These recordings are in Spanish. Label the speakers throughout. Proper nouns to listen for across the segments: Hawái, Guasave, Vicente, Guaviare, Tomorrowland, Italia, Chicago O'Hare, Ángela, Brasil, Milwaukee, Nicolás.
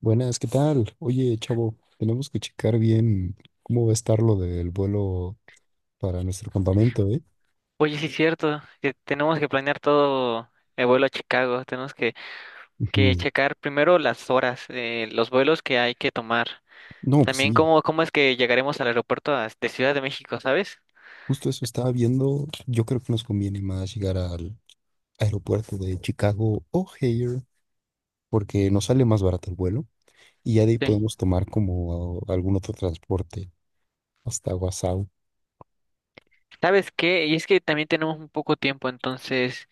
Speaker 1: Buenas, ¿qué tal? Oye, chavo, tenemos que checar bien cómo va a estar lo del vuelo para nuestro campamento, ¿eh?
Speaker 2: Oye, sí es cierto, que tenemos que planear todo el vuelo a Chicago, tenemos que
Speaker 1: Ujú.
Speaker 2: checar primero las horas, los vuelos que hay que tomar,
Speaker 1: No, pues
Speaker 2: también
Speaker 1: sí,
Speaker 2: cómo es que llegaremos al aeropuerto de Ciudad de México, ¿sabes?
Speaker 1: justo eso estaba viendo. Yo creo que nos conviene más llegar al aeropuerto de Chicago O'Hare porque nos sale más barato el vuelo y ya de ahí
Speaker 2: Sí.
Speaker 1: podemos tomar como algún otro transporte hasta Guasave.
Speaker 2: ¿Sabes qué? Y es que también tenemos un poco tiempo, entonces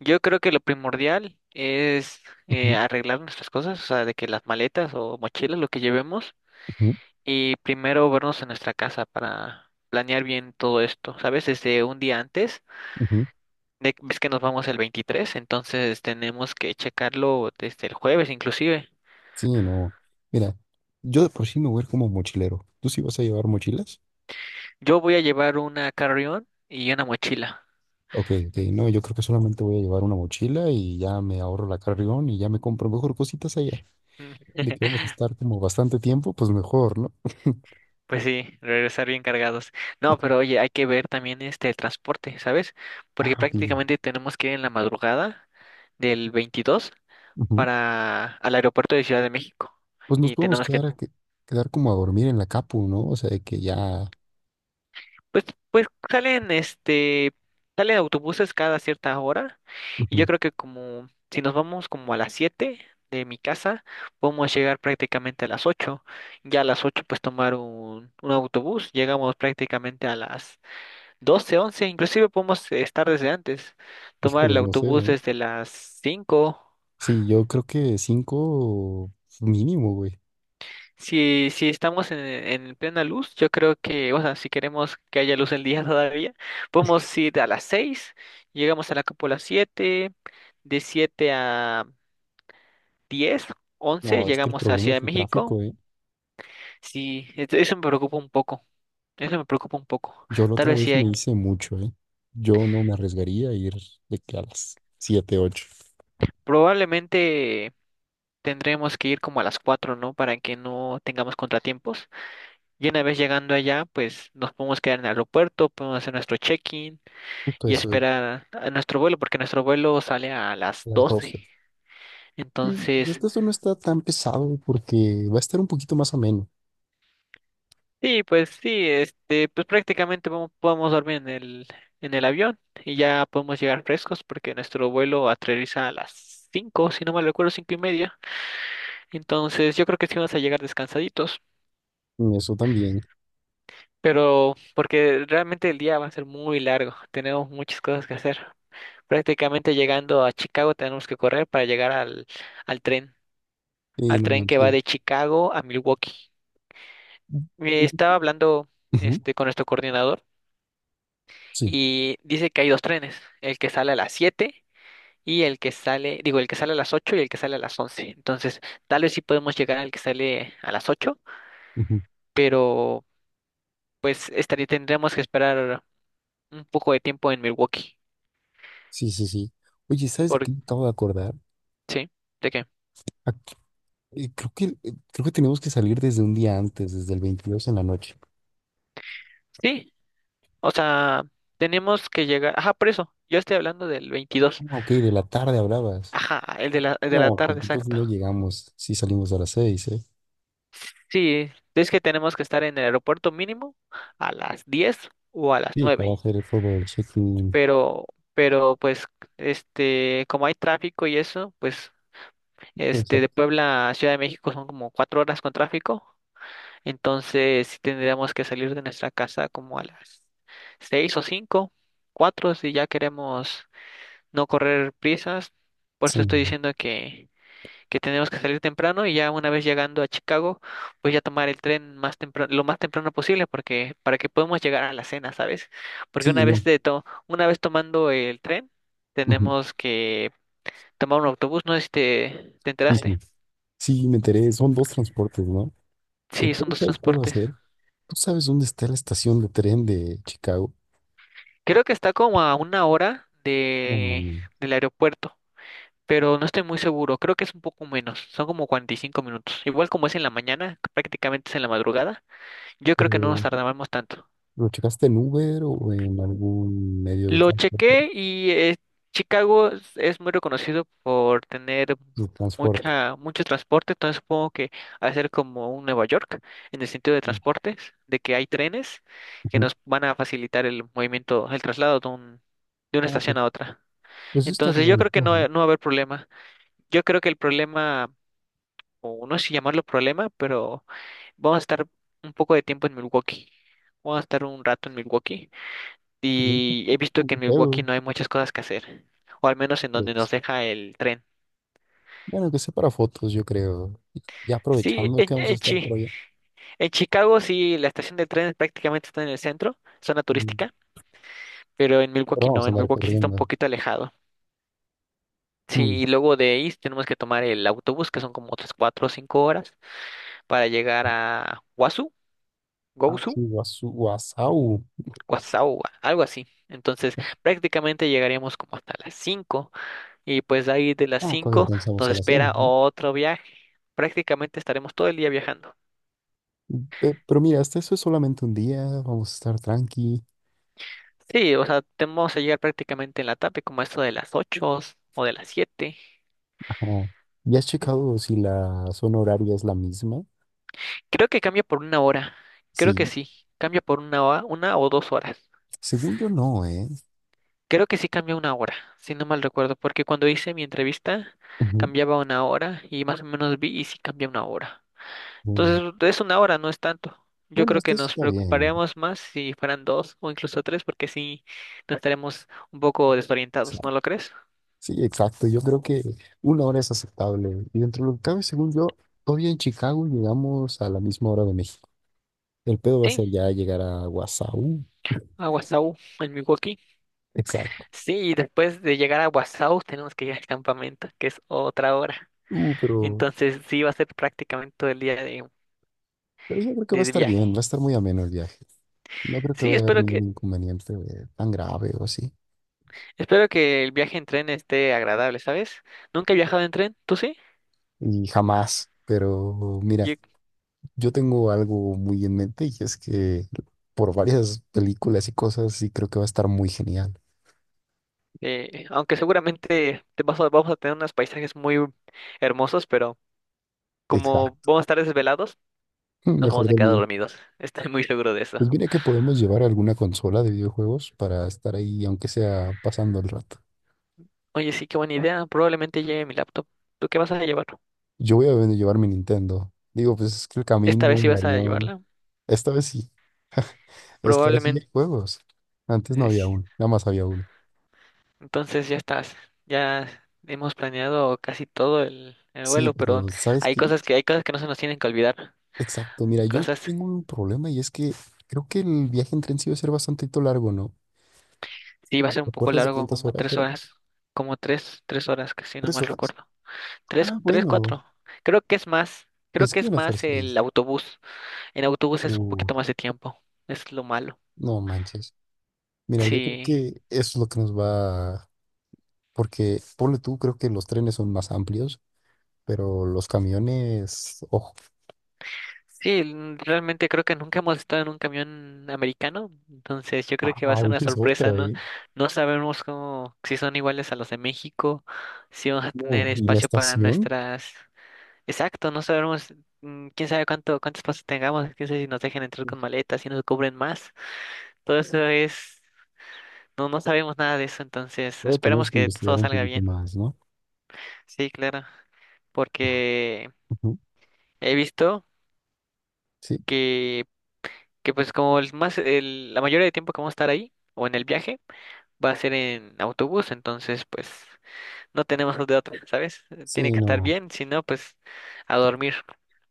Speaker 2: yo creo que lo primordial es
Speaker 1: Ujú,
Speaker 2: arreglar nuestras cosas, o sea, de que las maletas o mochilas, lo que llevemos,
Speaker 1: ujú,
Speaker 2: y primero vernos en nuestra casa para planear bien todo esto, ¿sabes? Desde un día antes.
Speaker 1: ujú.
Speaker 2: Es que nos vamos el 23, entonces tenemos que checarlo desde el jueves inclusive.
Speaker 1: Sí, no. Mira, yo de por sí me voy a ir como mochilero. ¿Tú sí vas a llevar mochilas?
Speaker 2: Yo voy a llevar una carrión y una mochila.
Speaker 1: Ok, ok, no, yo creo que solamente voy a llevar una mochila y ya me ahorro la carrión y ya me compro mejor cositas allá. De que vamos a estar como bastante tiempo, pues mejor, ¿no?
Speaker 2: Pues sí, regresar bien cargados. No, pero oye, hay que ver también el transporte, ¿sabes?
Speaker 1: Ah,
Speaker 2: Porque
Speaker 1: ok.
Speaker 2: prácticamente tenemos que ir en la madrugada del 22
Speaker 1: Ujú.
Speaker 2: para al aeropuerto de Ciudad de México
Speaker 1: Pues nos
Speaker 2: y
Speaker 1: podemos
Speaker 2: tenemos que.
Speaker 1: quedar, quedar como a dormir en la capu, ¿no? O sea, de que ya,
Speaker 2: Pues, pues salen autobuses cada cierta hora y
Speaker 1: ujú.
Speaker 2: yo creo que como si nos vamos como a las 7 de mi casa, podemos llegar prácticamente a las 8. Ya a las 8 pues tomar un autobús, llegamos prácticamente a las 12 11. Inclusive podemos estar desde antes, tomar el
Speaker 1: Híjoles, no sé,
Speaker 2: autobús
Speaker 1: ¿eh?
Speaker 2: desde las 5.
Speaker 1: Sí, yo creo que cinco mínimo, güey.
Speaker 2: Si estamos en plena luz, yo creo que, o sea, si queremos que haya luz el día todavía, podemos ir a las 6 llegamos a la cúpula 7 de 7 a 10 11
Speaker 1: No, es que el
Speaker 2: llegamos a
Speaker 1: problema
Speaker 2: Ciudad de
Speaker 1: es el
Speaker 2: México.
Speaker 1: tráfico, ¿eh?
Speaker 2: Sí, eso me preocupa un poco, eso me preocupa un poco.
Speaker 1: Yo la
Speaker 2: Tal
Speaker 1: otra
Speaker 2: vez sí
Speaker 1: vez me
Speaker 2: hay,
Speaker 1: hice mucho, ¿eh? Yo no me arriesgaría a ir de que a las siete, ocho.
Speaker 2: probablemente tendremos que ir como a las cuatro, ¿no? Para que no tengamos contratiempos. Y una vez llegando allá, pues nos podemos quedar en el aeropuerto, podemos hacer nuestro check-in
Speaker 1: Justo
Speaker 2: y
Speaker 1: eso, a
Speaker 2: esperar a nuestro vuelo, porque nuestro vuelo sale a las
Speaker 1: las 12.
Speaker 2: doce.
Speaker 1: Sí, y
Speaker 2: Entonces,
Speaker 1: esto no está tan pesado porque va a estar un poquito más ameno.
Speaker 2: sí, pues sí, pues prácticamente podemos dormir en el avión y ya podemos llegar frescos porque nuestro vuelo aterriza a las 5 si no mal recuerdo, cinco y media. Entonces, yo creo que sí vamos a llegar descansaditos,
Speaker 1: Y eso también.
Speaker 2: pero porque realmente el día va a ser muy largo, tenemos muchas cosas que hacer. Prácticamente llegando a Chicago tenemos que correr para llegar al tren, al
Speaker 1: No
Speaker 2: tren que va
Speaker 1: manches.
Speaker 2: de Chicago a Milwaukee.
Speaker 1: Ujú.
Speaker 2: Estaba hablando con nuestro coordinador
Speaker 1: Sí,
Speaker 2: y dice que hay dos trenes, el que sale a las 7 y el que sale, digo, el que sale a las 8 y el que sale a las 11. Entonces, tal vez sí podemos llegar al que sale a las 8,
Speaker 1: ujú,
Speaker 2: pero pues estaría, tendríamos que esperar un poco de tiempo en Milwaukee.
Speaker 1: sí, sí, sí. Oye, ¿sabes de
Speaker 2: Por,
Speaker 1: qué me acabo de acordar?
Speaker 2: ¿Sí? ¿De qué?
Speaker 1: Ac- creo que tenemos que salir desde un día antes, desde el 22 en la noche.
Speaker 2: Sí, o sea, tenemos que llegar, ajá, por eso, yo estoy hablando del
Speaker 1: Ah,
Speaker 2: 22.
Speaker 1: ok, de la tarde hablabas.
Speaker 2: Ajá, el de la
Speaker 1: No, sí,
Speaker 2: tarde,
Speaker 1: entonces no
Speaker 2: exacto.
Speaker 1: llegamos. Sí, salimos a las seis. ¿Eh?
Speaker 2: Sí, es que tenemos que estar en el aeropuerto mínimo a las 10 o a las
Speaker 1: Sí, para
Speaker 2: 9.
Speaker 1: hacer todo el check-in.
Speaker 2: pero, pero pues, como hay tráfico y eso, pues, de
Speaker 1: Exacto.
Speaker 2: Puebla a Ciudad de México son como cuatro horas con tráfico, entonces sí tendríamos que salir de nuestra casa como a las 6 o 5, 4 si ya queremos no correr prisas, por
Speaker 1: Sí,
Speaker 2: eso estoy diciendo que tenemos que salir temprano y ya una vez llegando a Chicago, pues ya tomar el tren más temprano, lo más temprano posible porque para que podamos llegar a la cena, ¿sabes? Porque
Speaker 1: sí,
Speaker 2: una
Speaker 1: no.
Speaker 2: vez una vez tomando el tren,
Speaker 1: Ujú.
Speaker 2: tenemos que tomar un autobús, no sé si te
Speaker 1: Sí, sí.
Speaker 2: enteraste.
Speaker 1: Sí, me enteré. Son dos transportes, ¿no? El
Speaker 2: Sí, son
Speaker 1: primero,
Speaker 2: dos
Speaker 1: ¿sabes cuál va a
Speaker 2: transportes.
Speaker 1: ser? ¿Tú sabes dónde está la estación de tren de Chicago?
Speaker 2: Creo que está como a una hora
Speaker 1: No,
Speaker 2: de
Speaker 1: mami.
Speaker 2: del aeropuerto, pero no estoy muy seguro, creo que es un poco menos, son como 45 minutos. Igual como es en la mañana, prácticamente es en la madrugada, yo creo que no nos
Speaker 1: Pero,
Speaker 2: tardamos tanto.
Speaker 1: ¿lo checaste en Uber o en algún medio de
Speaker 2: Lo
Speaker 1: transporte?
Speaker 2: chequé y Chicago es muy reconocido por tener
Speaker 1: De transporte.
Speaker 2: mucha, mucho transporte, entonces supongo que hacer como un Nueva York en el sentido de transportes, de que hay trenes que
Speaker 1: Ujú.
Speaker 2: nos van a facilitar el movimiento, el traslado de un, de una
Speaker 1: Ah, pues,
Speaker 2: estación a otra.
Speaker 1: pues está
Speaker 2: Entonces
Speaker 1: como
Speaker 2: yo creo que
Speaker 1: mejor, ¿no?
Speaker 2: no, no va a haber problema. Yo creo que el problema, o no sé si llamarlo problema, pero vamos a estar un poco de tiempo en Milwaukee. Vamos a estar un rato en Milwaukee.
Speaker 1: Bien,
Speaker 2: Y he
Speaker 1: ah,
Speaker 2: visto que
Speaker 1: no
Speaker 2: en Milwaukee
Speaker 1: creo,
Speaker 2: no hay muchas cosas que hacer, o al menos en donde
Speaker 1: ¿crees?
Speaker 2: nos deja el tren.
Speaker 1: Bueno, que sea para fotos, yo creo. Y ya
Speaker 2: Sí,
Speaker 1: aprovechando
Speaker 2: en,
Speaker 1: que vamos a
Speaker 2: en,
Speaker 1: estar por
Speaker 2: Chi-
Speaker 1: allá.
Speaker 2: en Chicago sí, la estación de tren prácticamente está en el centro, zona
Speaker 1: Mm.
Speaker 2: turística, pero en
Speaker 1: Pero
Speaker 2: Milwaukee
Speaker 1: vamos
Speaker 2: no,
Speaker 1: a
Speaker 2: en
Speaker 1: andar
Speaker 2: Milwaukee sí está un
Speaker 1: corriendo.
Speaker 2: poquito alejado. Sí,
Speaker 1: Mm.
Speaker 2: y luego de ahí tenemos que tomar el autobús, que son como otras cuatro o cinco horas, para llegar a Wasu,
Speaker 1: Ah, sí,
Speaker 2: Gosu,
Speaker 1: guasau.
Speaker 2: Guasau, algo así. Entonces, prácticamente llegaríamos como hasta las cinco. Y pues de ahí de las
Speaker 1: Ah, todavía
Speaker 2: 5
Speaker 1: alcanzamos
Speaker 2: nos
Speaker 1: a la cena,
Speaker 2: espera
Speaker 1: ¿no?
Speaker 2: otro viaje. Prácticamente estaremos todo el día viajando.
Speaker 1: Pero, mira, hasta eso es solamente un día. Vamos a estar tranqui.
Speaker 2: Sí, o sea, tenemos que llegar prácticamente en la tarde, como esto de las 8 o de las siete.
Speaker 1: Ah, ¿ya has
Speaker 2: En-
Speaker 1: checado si la zona horaria es la misma?
Speaker 2: Creo que cambia por una hora. Creo que
Speaker 1: Sí,
Speaker 2: sí. Cambia por una hora, una o dos horas.
Speaker 1: según yo no, ¿eh?
Speaker 2: Creo que sí cambia una hora, si no mal recuerdo, porque cuando hice mi entrevista
Speaker 1: Ujú.
Speaker 2: cambiaba una hora y más o menos vi y sí cambia una hora.
Speaker 1: Mm.
Speaker 2: Entonces, es una hora, no es tanto. Yo
Speaker 1: Bueno,
Speaker 2: creo que
Speaker 1: esto sí
Speaker 2: nos
Speaker 1: está bien.
Speaker 2: preocuparíamos más si fueran dos o incluso tres, porque sí nos estaremos un poco
Speaker 1: Sí,
Speaker 2: desorientados, ¿no lo crees?
Speaker 1: sí, exacto. Yo creo que una hora es aceptable. Y dentro de lo que cabe, según yo, todavía en Chicago llegamos a la misma hora de México. El pedo va a
Speaker 2: Sí,
Speaker 1: ser ya llegar a Guasau.
Speaker 2: a Guasau, en Milwaukee.
Speaker 1: Exacto.
Speaker 2: Sí, y después de llegar a Guasau tenemos que ir al campamento, que es otra hora.
Speaker 1: Uh, pero,
Speaker 2: Entonces, sí va a ser prácticamente todo el día de,
Speaker 1: pero yo creo que va a
Speaker 2: de
Speaker 1: estar bien, va a
Speaker 2: viaje.
Speaker 1: estar muy ameno el viaje. No creo que
Speaker 2: Sí,
Speaker 1: vaya a haber
Speaker 2: espero que,
Speaker 1: ningún inconveniente, tan grave o así.
Speaker 2: espero que el viaje en tren esté agradable, ¿sabes? Nunca he viajado en tren, ¿tú sí?
Speaker 1: Y jamás. Pero mira.
Speaker 2: Yo.
Speaker 1: Yo tengo algo muy en mente y es que por varias películas y cosas sí creo que va a estar muy genial.
Speaker 2: Aunque seguramente vamos a tener unos paisajes muy hermosos, pero como
Speaker 1: Exacto.
Speaker 2: vamos a estar desvelados, nos
Speaker 1: Mejor
Speaker 2: vamos a quedar
Speaker 1: dormido.
Speaker 2: dormidos. Estoy muy seguro de
Speaker 1: Pues
Speaker 2: eso.
Speaker 1: mira que podemos llevar alguna consola de videojuegos para estar ahí, aunque sea pasando el rato.
Speaker 2: Oye, sí, qué buena idea. Probablemente lleve mi laptop. ¿Tú qué vas a llevar?
Speaker 1: Yo voy a llevar mi Nintendo. Digo, pues es que el
Speaker 2: Esta
Speaker 1: camino,
Speaker 2: vez sí
Speaker 1: el
Speaker 2: vas a
Speaker 1: avión.
Speaker 2: llevarla.
Speaker 1: Esta vez sí. Es que ahora sí hay
Speaker 2: Probablemente.
Speaker 1: juegos. Antes no había
Speaker 2: es-
Speaker 1: uno, nada más había uno.
Speaker 2: Entonces ya estás. Ya hemos planeado casi todo el
Speaker 1: Sí,
Speaker 2: vuelo, pero
Speaker 1: pero ¿sabes
Speaker 2: hay
Speaker 1: qué?
Speaker 2: cosas que hay cosas que no se nos tienen que olvidar.
Speaker 1: Exacto.
Speaker 2: Hay
Speaker 1: Mira, yo
Speaker 2: cosas.
Speaker 1: tengo un problema y es que creo que el viaje en tren sí va a ser bastante largo, ¿no?
Speaker 2: Sí, va a ser
Speaker 1: ¿Te
Speaker 2: un poco
Speaker 1: acuerdas de
Speaker 2: largo,
Speaker 1: cuántas
Speaker 2: como
Speaker 1: horas
Speaker 2: tres
Speaker 1: era?
Speaker 2: horas. Como tres horas, casi no
Speaker 1: ¿Tres
Speaker 2: mal
Speaker 1: horas?
Speaker 2: recuerdo. Tres,
Speaker 1: Ah,
Speaker 2: tres,
Speaker 1: bueno,
Speaker 2: cuatro. Creo que es más. Creo
Speaker 1: pensé
Speaker 2: que
Speaker 1: que
Speaker 2: es
Speaker 1: iban a ser
Speaker 2: más
Speaker 1: seis.
Speaker 2: el autobús. En autobús es un
Speaker 1: Uh,
Speaker 2: poquito más de tiempo. Es lo malo.
Speaker 1: no manches. Mira, yo creo
Speaker 2: Sí.
Speaker 1: que eso es lo que nos va, porque ponle tú, creo que los trenes son más amplios, pero los camiones, ojo,
Speaker 2: Sí, realmente creo que nunca hemos estado en un camión americano. Entonces yo
Speaker 1: ah,
Speaker 2: creo que va a ser una
Speaker 1: esa es
Speaker 2: sorpresa,
Speaker 1: otra,
Speaker 2: ¿no?
Speaker 1: ¿eh?
Speaker 2: No sabemos cómo, si son iguales a los de México, si vamos a
Speaker 1: No,
Speaker 2: tener
Speaker 1: y la
Speaker 2: espacio para
Speaker 1: estación,
Speaker 2: nuestras. Exacto, no sabemos, quién sabe cuánto, cuántos pasos tengamos, quién sabe si nos dejan entrar con maletas, si nos cubren más. Todo eso es. No, no sabemos nada de eso, entonces
Speaker 1: todavía
Speaker 2: esperemos
Speaker 1: tenemos que
Speaker 2: que todo
Speaker 1: investigar un
Speaker 2: salga
Speaker 1: poquito
Speaker 2: bien.
Speaker 1: más, ¿no?
Speaker 2: Sí, claro, porque he visto
Speaker 1: Sí,
Speaker 2: que, que pues como la mayoría de tiempo que vamos a estar ahí o en el viaje va a ser en autobús, entonces pues no tenemos de otra, ¿sabes? Tiene
Speaker 1: sí,
Speaker 2: que estar
Speaker 1: no,
Speaker 2: bien, si no, pues a dormir,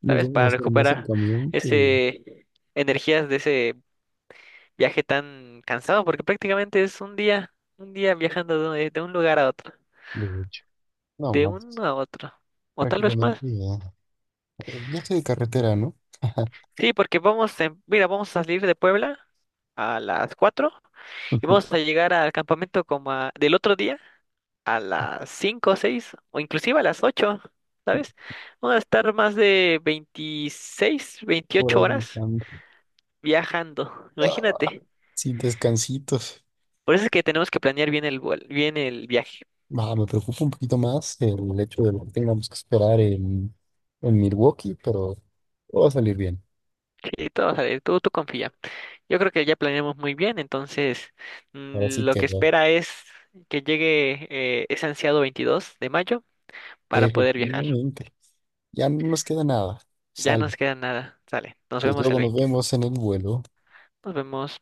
Speaker 1: nos
Speaker 2: ¿sabes?
Speaker 1: vamos a
Speaker 2: Para
Speaker 1: hacer más en
Speaker 2: recuperar
Speaker 1: camión que
Speaker 2: ese energías de ese viaje tan cansado, porque prácticamente es un día viajando de un lugar a otro,
Speaker 1: de hecho. No
Speaker 2: de
Speaker 1: manches,
Speaker 2: uno a otro. O tal vez más.
Speaker 1: prácticamente viaje de carretera, ¿no?
Speaker 2: Sí, porque vamos, mira, vamos a salir de Puebla a las 4 y vamos a llegar al campamento como del otro día a las 5, o 6 o inclusive a las 8, ¿sabes? Vamos a estar más de 26,
Speaker 1: Por
Speaker 2: 28
Speaker 1: ahí
Speaker 2: horas
Speaker 1: están.
Speaker 2: viajando,
Speaker 1: Ah,
Speaker 2: imagínate.
Speaker 1: sin descansitos.
Speaker 2: Por eso es que tenemos que planear bien bien el viaje.
Speaker 1: Ah, me preocupa un poquito más el hecho de lo que tengamos que esperar en Milwaukee, pero todo va a salir bien.
Speaker 2: Sí, todo va a salir, tú confía. Yo creo que ya planeamos muy bien, entonces
Speaker 1: Ahora sí
Speaker 2: lo que
Speaker 1: quedó.
Speaker 2: espera es que llegue ese ansiado 22 de mayo para poder viajar.
Speaker 1: Efectivamente. Ya no nos queda nada.
Speaker 2: Ya
Speaker 1: Sal.
Speaker 2: nos queda nada. Sale. Nos
Speaker 1: Pues
Speaker 2: vemos
Speaker 1: luego
Speaker 2: el
Speaker 1: nos
Speaker 2: 20.
Speaker 1: vemos en el vuelo.
Speaker 2: Nos vemos.